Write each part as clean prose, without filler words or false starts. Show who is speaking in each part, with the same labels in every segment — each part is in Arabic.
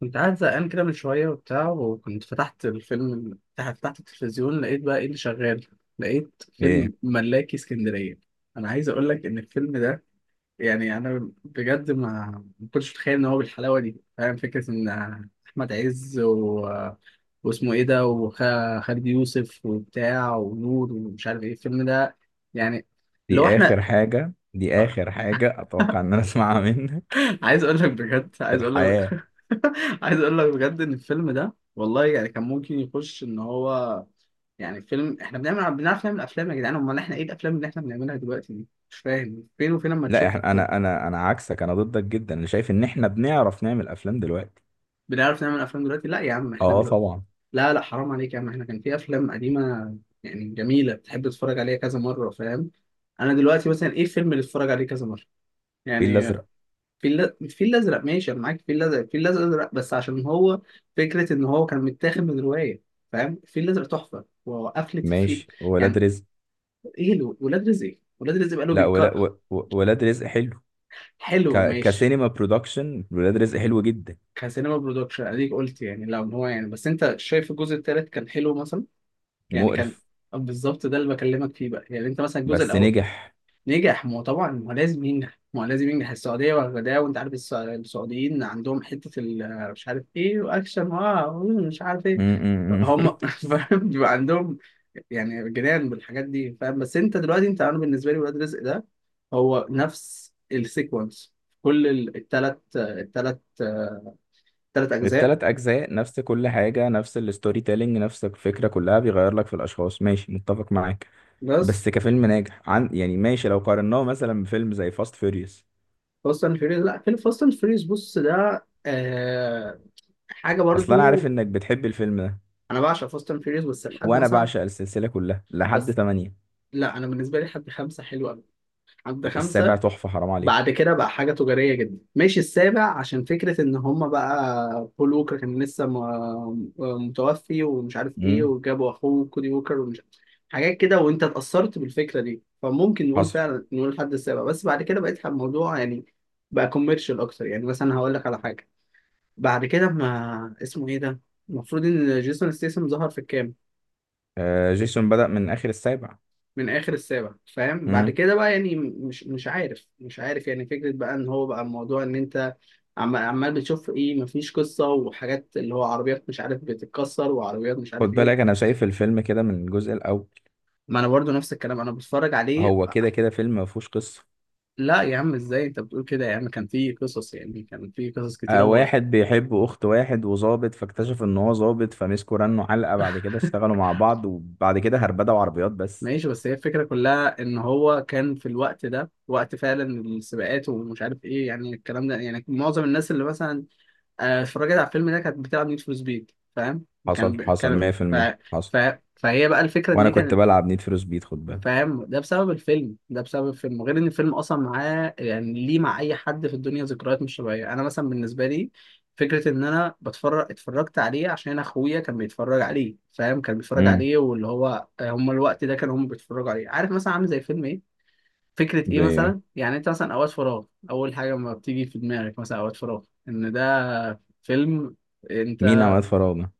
Speaker 1: كنت قاعد زهقان كده من شوية وبتاع، وكنت فتحت الفيلم، فتحت التلفزيون لقيت بقى ايه اللي شغال. لقيت
Speaker 2: ايه؟
Speaker 1: فيلم ملاكي اسكندرية. أنا عايز أقول لك إن الفيلم ده، يعني أنا بجد ما كنتش متخيل إن هو بالحلاوة دي، فاهم؟ فكرة إن أحمد عز واسمه إيه ده، وخالد يوسف وبتاع ونور ومش عارف إيه الفيلم ده يعني. لو
Speaker 2: دي اخر
Speaker 1: إحنا
Speaker 2: حاجة دي اخر حاجة اتوقع ان انا اسمعها منك
Speaker 1: عايز اقول لك بجد،
Speaker 2: في
Speaker 1: عايز اقول لك
Speaker 2: الحياة.
Speaker 1: عايز اقول لك بجد ان الفيلم ده والله، يعني كان ممكن يخش، ان هو يعني فيلم، احنا بنعرف نعمل افلام يا جدعان. امال احنا ايه الافلام اللي احنا بنعملها دلوقتي دي؟ مش فاهم فين وفين اما
Speaker 2: لا،
Speaker 1: تشوف.
Speaker 2: احنا انا عكسك، انا ضدك جدا، انا شايف ان احنا بنعرف نعمل افلام دلوقتي.
Speaker 1: بنعرف نعمل افلام دلوقتي؟ لا يا عم، احنا
Speaker 2: اه
Speaker 1: دلوقتي،
Speaker 2: طبعا.
Speaker 1: لا لا، حرام عليك يا عم، احنا كان في افلام قديمه يعني جميله، بتحب تتفرج عليها كذا مره، فاهم؟ انا دلوقتي مثلا ايه الفيلم اللي اتفرج عليه كذا مره
Speaker 2: الفيل
Speaker 1: يعني؟
Speaker 2: الازرق
Speaker 1: الفيل الازرق. ماشي انا معاك، الفيل الازرق بس عشان هو فكره ان هو كان متاخد من روايه، فاهم؟ الفيل الازرق تحفه، وقفله الفيل
Speaker 2: ماشي. ولاد
Speaker 1: يعني.
Speaker 2: رزق.
Speaker 1: ايه له ولاد رزق؟ ولاد رزق بقاله
Speaker 2: لا،
Speaker 1: بيتكرر.
Speaker 2: ولاد رزق حلو.
Speaker 1: حلو ماشي.
Speaker 2: كسينما برودكشن ولاد رزق حلو جدا.
Speaker 1: كسينما برودكشن، اديك قلت يعني، لو هو يعني، بس انت شايف الجزء الثالث كان حلو مثلا يعني كان؟
Speaker 2: مقرف.
Speaker 1: بالظبط، ده اللي بكلمك فيه بقى، يعني انت مثلا الجزء
Speaker 2: بس
Speaker 1: الاول
Speaker 2: نجح.
Speaker 1: نجح. ما هو طبعا، ما هو لازم ينجح، ما هو لازم ينجح، السعودية واخداه، وانت عارف السعوديين عندهم حتة مش عارف ايه، واكشن، مش عارف ايه.
Speaker 2: م- م- م.
Speaker 1: هم فاهم؟ بيبقى عندهم يعني جنان بالحاجات دي، فاهم؟ بس انت دلوقتي، انت انا بالنسبة لي ولاد رزق ده هو نفس السيكونس. كل التلات تلات اجزاء.
Speaker 2: التلات اجزاء نفس كل حاجة، نفس الستوري تيلينج، نفس الفكرة كلها، بيغير لك في الاشخاص، ماشي متفق معاك.
Speaker 1: بس
Speaker 2: بس كفيلم ناجح، عن يعني ماشي، لو قارناه مثلا بفيلم زي فاست فيوريوس.
Speaker 1: فاست اند فيوريوس، لا، فيلم فاست اند فيوريوس بص ده حاجه
Speaker 2: اصل انا عارف
Speaker 1: برضو.
Speaker 2: انك بتحب الفيلم ده.
Speaker 1: انا بعشق فاست اند فيوريوس، بس لحد
Speaker 2: وانا
Speaker 1: مثلا.
Speaker 2: بعشق السلسله كلها لحد
Speaker 1: بس
Speaker 2: 8.
Speaker 1: لا، انا بالنسبه لي حد خمسه حلو قوي. حد
Speaker 2: السابع
Speaker 1: خمسه،
Speaker 2: تحفه، حرام عليك.
Speaker 1: بعد كده بقى حاجه تجاريه جدا. ماشي، السابع عشان فكره ان هم بقى بول ووكر كان لسه متوفي ومش عارف ايه،
Speaker 2: امم.
Speaker 1: وجابوا اخوه كودي ووكر ومش عارف حاجات كده، وانت اتاثرت بالفكره دي، فممكن نقول
Speaker 2: حصل.
Speaker 1: فعلا نقول الحد السابع. بس بعد كده بقيت الموضوع يعني بقى كوميرشال اكتر، يعني مثلا هقول لك على حاجه. بعد كده ما اسمه ايه ده، المفروض ان جيسون ستيسم ظهر في الكام.
Speaker 2: آه، جيسون بدأ من اخر السابع.
Speaker 1: من اخر السابع، فاهم؟ بعد
Speaker 2: امم.
Speaker 1: كده بقى يعني مش عارف يعني، فكره بقى ان هو بقى الموضوع ان انت عمال بتشوف ايه. مفيش قصه، وحاجات اللي هو عربيات مش عارف بتتكسر، وعربيات مش
Speaker 2: خد
Speaker 1: عارف ايه.
Speaker 2: بالك انا شايف الفيلم كده من الجزء الاول.
Speaker 1: ما انا برضو نفس الكلام، انا بتفرج عليه
Speaker 2: هو
Speaker 1: بقى.
Speaker 2: كده كده فيلم ما فيهوش قصه.
Speaker 1: لا يا عم، ازاي انت بتقول كده يا عم؟ كان في قصص يعني، كان في قصص كتيره
Speaker 2: آه، واحد بيحب اخت واحد وظابط، فاكتشف ان هو ظابط، فمسكوا رنوا علقه، بعد كده اشتغلوا مع بعض، وبعد كده هربدوا عربيات بس.
Speaker 1: ماشي، بس هي الفكرة كلها إن هو كان في الوقت ده، وقت فعلا السباقات ومش عارف إيه يعني، الكلام ده يعني معظم الناس اللي مثلا اتفرجت على الفيلم ده كانت بتلعب نيد فور سبيد، فاهم؟
Speaker 2: حصل،
Speaker 1: كان ب...
Speaker 2: حصل
Speaker 1: كان ف...
Speaker 2: 100%، حصل.
Speaker 1: ف... فهي بقى الفكره ان
Speaker 2: وانا
Speaker 1: هي
Speaker 2: كنت
Speaker 1: كانت،
Speaker 2: بلعب نيد فور سبيد، خد بالك.
Speaker 1: فاهم؟ ده بسبب الفيلم ده، بسبب الفيلم. غير ان الفيلم اصلا معاه يعني، ليه مع اي حد في الدنيا ذكريات مش طبيعيه. انا مثلا بالنسبه لي فكره ان انا بتفرج، اتفرجت عليه عشان اخويا كان بيتفرج عليه، فاهم؟ كان بيتفرج
Speaker 2: امم.
Speaker 1: عليه، واللي هو هم الوقت ده كانوا هم بيتفرجوا عليه. عارف مثلا عامل زي فيلم ايه، فكرة إيه
Speaker 2: زي
Speaker 1: مثلا؟ يعني أنت مثلا أوقات فراغ، أول حاجة ما بتيجي في دماغك مثلا أوقات فراغ إن ده فيلم.
Speaker 2: مين؟
Speaker 1: أنت
Speaker 2: اوقات فراغنا؟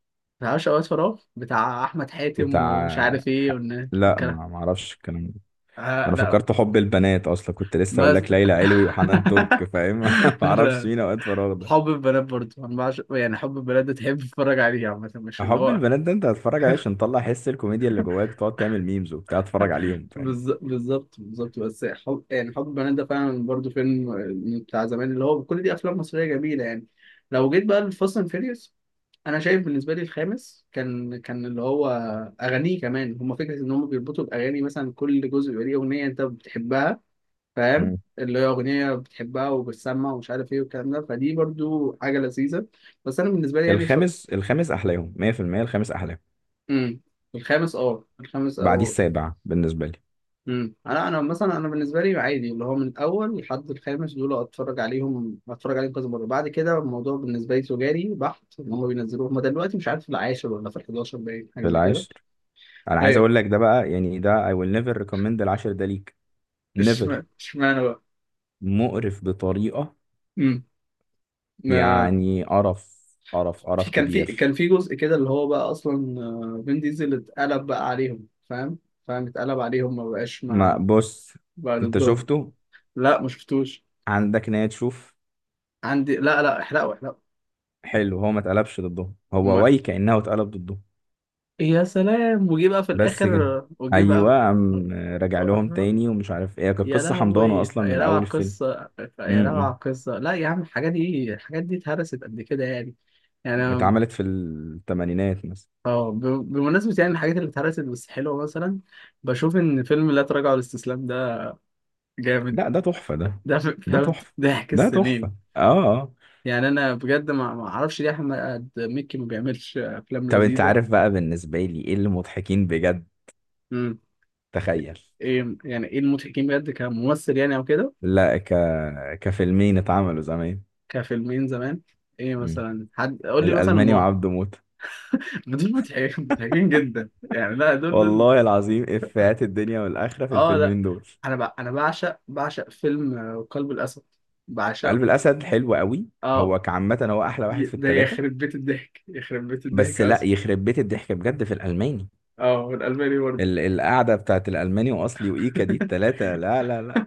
Speaker 1: متعرفش أوقات فراغ بتاع أحمد حاتم ومش
Speaker 2: بتاع
Speaker 1: عارف
Speaker 2: ح-،
Speaker 1: إيه
Speaker 2: لا،
Speaker 1: والكلام؟
Speaker 2: ما ما اعرفش الكلام ده.
Speaker 1: آه
Speaker 2: انا
Speaker 1: لا،
Speaker 2: فكرت حب البنات، اصلا كنت لسه اقول
Speaker 1: مز...
Speaker 2: لك ليلى علوي وحنان ترك، فاهم؟ ما اعرفش
Speaker 1: لا.
Speaker 2: مين اوقات فراغ ده.
Speaker 1: حب البنات برضه أنا يعني حب البنات ده تحب تتفرج عليه عامة، مش اللي
Speaker 2: حب
Speaker 1: هو.
Speaker 2: البنات ده انت هتتفرج عليه عشان تطلع حس الكوميديا اللي جواك، وتقعد تعمل ميمز وبتاع، تتفرج عليهم، فاهم؟
Speaker 1: بالظبط بالظبط، بس حب يعني، حب البنات ده فعلا برضه فيلم بتاع زمان، اللي هو كل دي أفلام مصرية جميلة يعني. لو جيت بقى لفاست أند فيريوس، انا شايف بالنسبه لي الخامس كان، كان اللي هو اغانيه كمان. هم فكره ان هم بيربطوا الاغاني مثلا، كل جزء يبقى ليه اغنيه انت بتحبها، فاهم؟
Speaker 2: امم.
Speaker 1: اللي هي اغنيه بتحبها وبتسمع ومش عارف ايه والكلام ده. فدي برضو حاجه لذيذه، بس انا بالنسبه لي يعني
Speaker 2: الخامس احلاهم 100%، الخامس احلاهم.
Speaker 1: امم الخامس، الخامس
Speaker 2: بعديه
Speaker 1: او،
Speaker 2: السابع بالنسبه لي.
Speaker 1: انا مثلا انا بالنسبه لي عادي اللي هو من الاول لحد الخامس دول، اتفرج عليهم كذا مره. بعد كده الموضوع بالنسبه لي تجاري بحت. ان هم بينزلوه هم دلوقتي، مش عارف في العاشر ولا في ال 11، باين حاجه
Speaker 2: في
Speaker 1: زي كده.
Speaker 2: العاشر. انا عايز
Speaker 1: ايوه،
Speaker 2: اقول لك ده بقى، يعني ده I will never recommend العاشر ده ليك. Never.
Speaker 1: اشمعنى اشمعنى بقى؟
Speaker 2: مقرف بطريقة،
Speaker 1: امم ما
Speaker 2: يعني قرف، قرف
Speaker 1: في
Speaker 2: قرف
Speaker 1: كان في كان
Speaker 2: كبير.
Speaker 1: في جزء كده اللي هو بقى اصلا فين، ديزل اتقلب بقى عليهم، فاهم؟ فاهم اتقلب عليهم، ما بقاش
Speaker 2: ما
Speaker 1: مع،
Speaker 2: بص،
Speaker 1: بقى
Speaker 2: انت
Speaker 1: ضدهم.
Speaker 2: شفته؟
Speaker 1: لا ما شفتوش.
Speaker 2: عندك نية تشوف؟
Speaker 1: عندي، لا لا، احرقوا احرقوا.
Speaker 2: حلو. هو ما اتقلبش ضده، هو
Speaker 1: هما،
Speaker 2: واي كأنه اتقلب ضده.
Speaker 1: يا سلام، وجي بقى في
Speaker 2: بس كده؟
Speaker 1: الاخر، وجي
Speaker 2: ايوه،
Speaker 1: بقى.
Speaker 2: قام راجع لهم تاني ومش عارف ايه، كانت
Speaker 1: يا
Speaker 2: قصة حمضانة
Speaker 1: لهوي، يا لهوي
Speaker 2: اصلا من
Speaker 1: على
Speaker 2: اول الفيلم.
Speaker 1: القصة، يا لهوي على
Speaker 2: امم.
Speaker 1: القصة. لا يا عم الحاجات دي، الحاجات دي اتهرست قد كده يعني. يعني
Speaker 2: اتعملت في الثمانينات مثلا.
Speaker 1: اه ب- بمناسبة يعني الحاجات اللي اتهرست بس حلوة، مثلا بشوف ان فيلم لا تراجع ولا استسلام ده جامد.
Speaker 2: لا، ده تحفة ده.
Speaker 1: ده
Speaker 2: ده
Speaker 1: فهمت
Speaker 2: تحفة.
Speaker 1: ضحك
Speaker 2: ده
Speaker 1: السنين
Speaker 2: تحفة، اه. اه.
Speaker 1: يعني. انا بجد ما اعرفش ليه احمد مكي ما بيعملش افلام
Speaker 2: طب انت
Speaker 1: لذيذة.
Speaker 2: عارف بقى بالنسبة لي ايه اللي مضحكين بجد؟
Speaker 1: امم
Speaker 2: تخيل.
Speaker 1: ايه يعني ايه المضحكين بجد كممثل يعني او كده؟
Speaker 2: لا، كفيلمين اتعملوا زمان.
Speaker 1: كفيلمين زمان، ايه
Speaker 2: مم.
Speaker 1: مثلا؟ حد قول لي مثلا
Speaker 2: الألماني
Speaker 1: ما
Speaker 2: وعبده موتة.
Speaker 1: دول مضحكين مضحكين جدا يعني، لا دول دول.
Speaker 2: والله العظيم إفيهات الدنيا والآخرة في
Speaker 1: اه لا،
Speaker 2: الفيلمين دول.
Speaker 1: انا انا بعشق، بعشق فيلم قلب الاسد،
Speaker 2: قلب
Speaker 1: بعشقه.
Speaker 2: الأسد حلو قوي.
Speaker 1: اه
Speaker 2: هو كعامة هو أحلى واحد في
Speaker 1: ده
Speaker 2: التلاتة.
Speaker 1: يخرب بيت الضحك، يخرب بيت
Speaker 2: بس
Speaker 1: الضحك
Speaker 2: لا،
Speaker 1: اصلا.
Speaker 2: يخرب بيت الضحك بجد في الألماني.
Speaker 1: اه هو الالماني برضه.
Speaker 2: القعدة بتاعت الألماني وأصلي وإيكا دي التلاتة، لا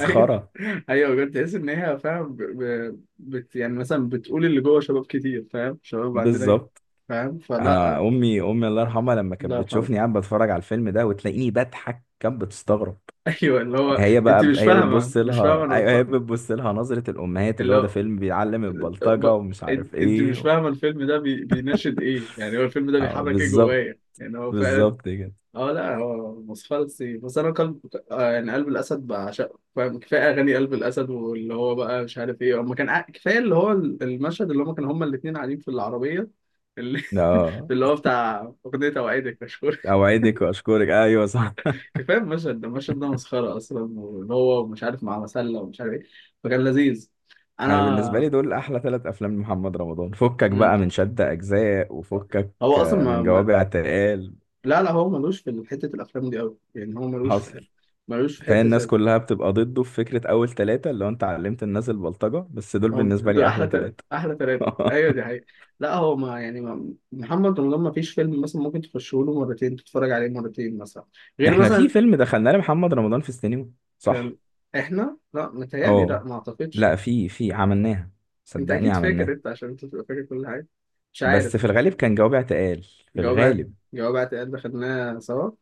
Speaker 1: ايوه ايوه بجد، تحس ان هي فاهم يعني مثلا بتقول اللي جوه شباب كتير، فاهم؟ شباب عندنا،
Speaker 2: بالظبط.
Speaker 1: فاهم؟
Speaker 2: أنا
Speaker 1: فلا.
Speaker 2: أمي الله يرحمها، لما
Speaker 1: الله
Speaker 2: كانت
Speaker 1: يرحمه.
Speaker 2: بتشوفني قاعد بتفرج على الفيلم ده وتلاقيني بضحك، كانت بتستغرب.
Speaker 1: ايوه، اللي هو
Speaker 2: هي
Speaker 1: انت
Speaker 2: بقى
Speaker 1: مش
Speaker 2: هي
Speaker 1: فاهمه،
Speaker 2: بتبص
Speaker 1: مش فاهمه،
Speaker 2: لها،
Speaker 1: انا
Speaker 2: ايوه، هي
Speaker 1: بتفرج.
Speaker 2: بتبص لها نظرة الأمهات اللي
Speaker 1: اللي
Speaker 2: هو ده
Speaker 1: هو
Speaker 2: فيلم بيعلم
Speaker 1: ب...
Speaker 2: البلطجة ومش عارف
Speaker 1: انت
Speaker 2: ايه
Speaker 1: مش
Speaker 2: و...
Speaker 1: فاهمه الفيلم ده بيناشد ايه يعني، هو الفيلم ده
Speaker 2: اه
Speaker 1: بيحرك ايه
Speaker 2: بالظبط.
Speaker 1: جوايا يعني، هو فعلا.
Speaker 2: بالظبط كده.
Speaker 1: اه لا هو مصفلسي، بس انا قلب يعني، قلب الاسد بعشقه، فاهم؟ كفايه اغاني قلب الاسد، واللي هو بقى مش عارف ايه، اما كفايه اللي هو المشهد اللي هم كانوا هم الاثنين قاعدين في العربيه. اللي,
Speaker 2: اه.
Speaker 1: اللي هو بتاع اغنيه اوعدك مشهور.
Speaker 2: اوعدك واشكرك، ايوه صح.
Speaker 1: كفايه المشهد ده، المشهد ده مسخره اصلا، واللي هو مش عارف مع مسله ومش عارف ايه، فكان لذيذ.
Speaker 2: انا بالنسبة
Speaker 1: انا
Speaker 2: لي دول احلى ثلاث افلام لمحمد رمضان، فكك
Speaker 1: مم.
Speaker 2: بقى من شد اجزاء وفكك.
Speaker 1: هو اصلا ما...
Speaker 2: من
Speaker 1: ما...
Speaker 2: جوابع تقال.
Speaker 1: لا لا، هو ملوش في حته الافلام دي قوي يعني، هو ملوش
Speaker 2: حصل.
Speaker 1: في، ملوش في
Speaker 2: فهي الناس
Speaker 1: حته.
Speaker 2: كلها بتبقى ضده في فكرة اول ثلاثة، اللي هو انت علمت الناس البلطجة، بس دول
Speaker 1: هم
Speaker 2: بالنسبة
Speaker 1: دول
Speaker 2: لي
Speaker 1: احلى
Speaker 2: احلى ثلاثة.
Speaker 1: احلى ثلاثه، ايوه دي حقيقة. لا هو ما يعني ما... محمد رمضان ما فيش فيلم مثلا ممكن تخشه له مرتين، تتفرج عليه مرتين مثلا، غير
Speaker 2: احنا في
Speaker 1: مثلا،
Speaker 2: فيلم دخلناه لمحمد رمضان في السينما.
Speaker 1: كان.
Speaker 2: صح.
Speaker 1: احنا لا، متهيألي لا،
Speaker 2: اه
Speaker 1: ما اعتقدش
Speaker 2: لا،
Speaker 1: يعني.
Speaker 2: في عملناها،
Speaker 1: انت
Speaker 2: صدقني
Speaker 1: اكيد فاكر،
Speaker 2: عملناها.
Speaker 1: انت عشان انت تبقى فاكر كل حاجه مش عارف.
Speaker 2: بس في الغالب كان جوابي اعتقال، في
Speaker 1: جواب اعت-
Speaker 2: الغالب.
Speaker 1: جواب اعتقاد ده خدناه سوا.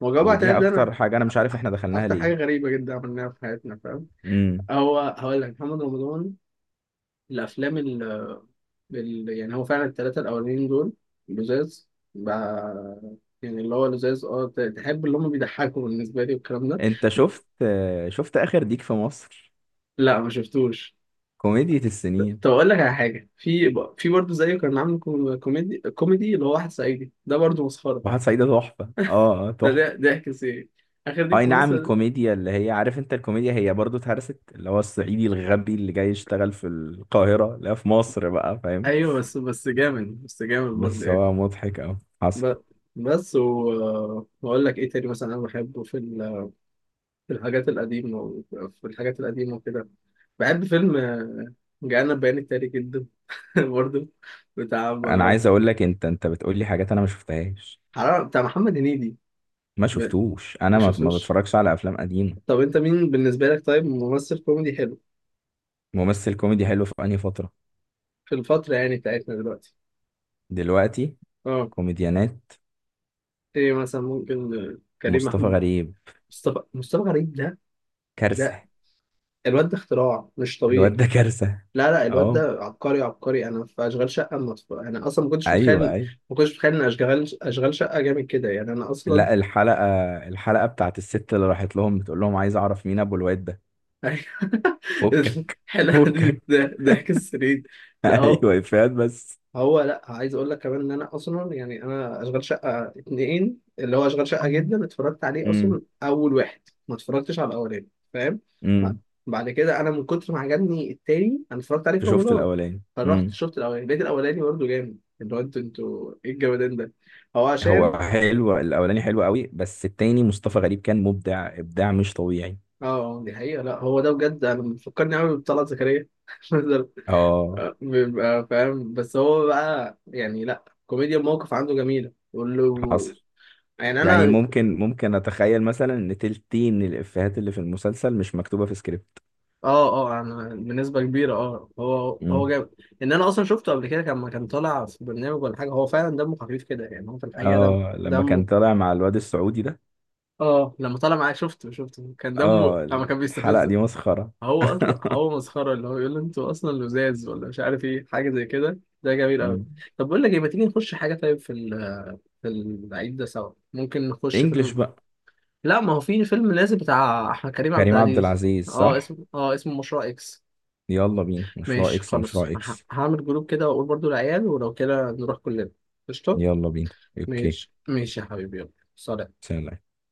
Speaker 1: ما هو جواب
Speaker 2: ودي
Speaker 1: اعتقاد ده انا
Speaker 2: اكتر حاجة انا مش عارف احنا دخلناها
Speaker 1: اكتر
Speaker 2: ليه.
Speaker 1: حاجه غريبه جدا عملناها في حياتنا، فاهم؟
Speaker 2: امم.
Speaker 1: هو هقول لك محمد رمضان الافلام يعني هو فعلا الثلاثه الاولانيين دول لزاز بقى، يعني اللي هو لزاز. تحب اللي هم بيضحكوا بالنسبه لي والكلام ده.
Speaker 2: انت شفت شفت اخر ديك في مصر؟
Speaker 1: لا ما شفتوش.
Speaker 2: كوميديا السنين.
Speaker 1: طب اقول لك على حاجه، في في برضه زيه، كان عامل كوميدي كوميدي اللي هو واحد صعيدي، ده برضه مسخره،
Speaker 2: واحد صعيدي تحفة، اه،
Speaker 1: ده
Speaker 2: تحفة.
Speaker 1: ده ضحك سي، اخر ديك
Speaker 2: اي
Speaker 1: في
Speaker 2: نعم
Speaker 1: مصر.
Speaker 2: كوميديا، اللي هي عارف انت الكوميديا هي برضو اتهرست، اللي هو الصعيدي الغبي اللي جاي يشتغل في القاهرة، لا في مصر بقى، فاهم؟
Speaker 1: ايوه بس، بس جامد، بس جامد برضه
Speaker 2: بس
Speaker 1: يعني.
Speaker 2: هو مضحك اوي. حصل.
Speaker 1: ب- بس واقول لك ايه تاني، مثلا انا بحبه في في الحاجات القديمة في الحاجات القديمة وكده. بحب فيلم جانا البيان التالي جدا. برضو بتاع
Speaker 2: انا عايز اقول لك، انت انت بتقول لي حاجات انا ما شفتهاش،
Speaker 1: بتاع محمد هنيدي.
Speaker 2: ما
Speaker 1: ب-
Speaker 2: شفتوش، انا
Speaker 1: ما
Speaker 2: ما
Speaker 1: شفتوش.
Speaker 2: بتفرجش على افلام قديمه.
Speaker 1: طب انت مين بالنسبة لك طيب، ممثل كوميدي حلو
Speaker 2: ممثل كوميدي حلو في انهي فتره؟
Speaker 1: في الفترة يعني بتاعتنا دلوقتي؟
Speaker 2: دلوقتي.
Speaker 1: اه،
Speaker 2: كوميديانات.
Speaker 1: ايه مثلا؟ ممكن كريم
Speaker 2: مصطفى
Speaker 1: محمود.
Speaker 2: غريب.
Speaker 1: مصطفى غريب ده، ده
Speaker 2: كارثه.
Speaker 1: الواد ده اختراع مش
Speaker 2: الواد
Speaker 1: طبيعي.
Speaker 2: ده كارثه.
Speaker 1: لا لا، الواد ده
Speaker 2: اه،
Speaker 1: عبقري عبقري. انا في اشغال شقه مصر، انا اصلا ما كنتش متخيل،
Speaker 2: ايوه ايوه.
Speaker 1: ما كنتش متخيل ان اشغال، اشغال شقه جامد كده يعني، انا اصلا.
Speaker 2: لا، الحلقه، الحلقه بتاعت الست اللي راحت لهم بتقول لهم عايز اعرف مين ابو الواد ده.
Speaker 1: أيوة.
Speaker 2: فكك.
Speaker 1: حلقة
Speaker 2: فكك.
Speaker 1: دي ضحك السنين. لا هو،
Speaker 2: ايوه، افيهات بس.
Speaker 1: لا عايز اقول لك كمان ان انا اصلا يعني انا اشغال شقة اتنين اللي هو اشغال شقة جدا، اتفرجت عليه
Speaker 2: امم.
Speaker 1: اصلا اول واحد، ما اتفرجتش على الاولاني، فاهم؟ بعد
Speaker 2: امم.
Speaker 1: بعد كده انا من كتر ما عجبني التاني، انا اتفرجت عليه في
Speaker 2: شفت
Speaker 1: رمضان.
Speaker 2: الاولاني.
Speaker 1: فرحت
Speaker 2: امم.
Speaker 1: شفت الاولاني، لقيت الاولاني برضه جامد، اللي هو انتوا ايه الجمدان ده. هو عشان،
Speaker 2: هو حلو الاولاني، حلو قوي، بس التاني مصطفى غريب كان مبدع، ابداع مش طبيعي.
Speaker 1: اه دي حقيقة. لا هو ده بجد انا بيفكرني قوي بطلعت زكريا.
Speaker 2: اه.
Speaker 1: بيبقى فاهم بس هو بقى يعني، لا كوميديا الموقف عنده جميلة، يقول له
Speaker 2: حصل.
Speaker 1: يعني
Speaker 2: يعني
Speaker 1: انا.
Speaker 2: ممكن، ممكن اتخيل مثلا ان تلتين الافيهات اللي في المسلسل مش مكتوبه في سكريبت.
Speaker 1: اه اه، انا بنسبة كبيرة، هو
Speaker 2: امم.
Speaker 1: جاب ان انا اصلا شفته قبل كده لما كان طالع في برنامج ولا حاجة، هو فعلا دمه خفيف كده يعني، هو في الحقيقة دم
Speaker 2: اه، لما كان
Speaker 1: دمه.
Speaker 2: طالع مع الواد السعودي ده.
Speaker 1: اه لما طلع معايا شفته، كان دمه
Speaker 2: اه،
Speaker 1: لما كان
Speaker 2: الحلقه
Speaker 1: بيستفزه.
Speaker 2: دي مسخره.
Speaker 1: هو اصلا هو مسخرة اللي هو يقول له انتوا اصلا لزاز ولا مش عارف ايه، حاجة زي كده، ده جميل قوي.
Speaker 2: امم.
Speaker 1: طب بقول لك ايه، ما تيجي نخش حاجة طيب في العيد ده سوا ممكن نخش
Speaker 2: انجلش
Speaker 1: فيلم؟
Speaker 2: بقى.
Speaker 1: لا ما هو في فيلم نازل بتاع احمد كريم عبد
Speaker 2: كريم عبد
Speaker 1: العزيز.
Speaker 2: العزيز،
Speaker 1: اه
Speaker 2: صح.
Speaker 1: اسمه، مشروع اكس.
Speaker 2: يلا بينا، مشروع
Speaker 1: ماشي
Speaker 2: اكس،
Speaker 1: خلاص،
Speaker 2: مشروع اكس.
Speaker 1: هعمل جروب كده واقول برضو العيال ولو كده نروح كلنا. قشطة،
Speaker 2: يلا بينا. اوكي.
Speaker 1: ماشي ماشي يا حبيبي يلا، سلام.
Speaker 2: سلام.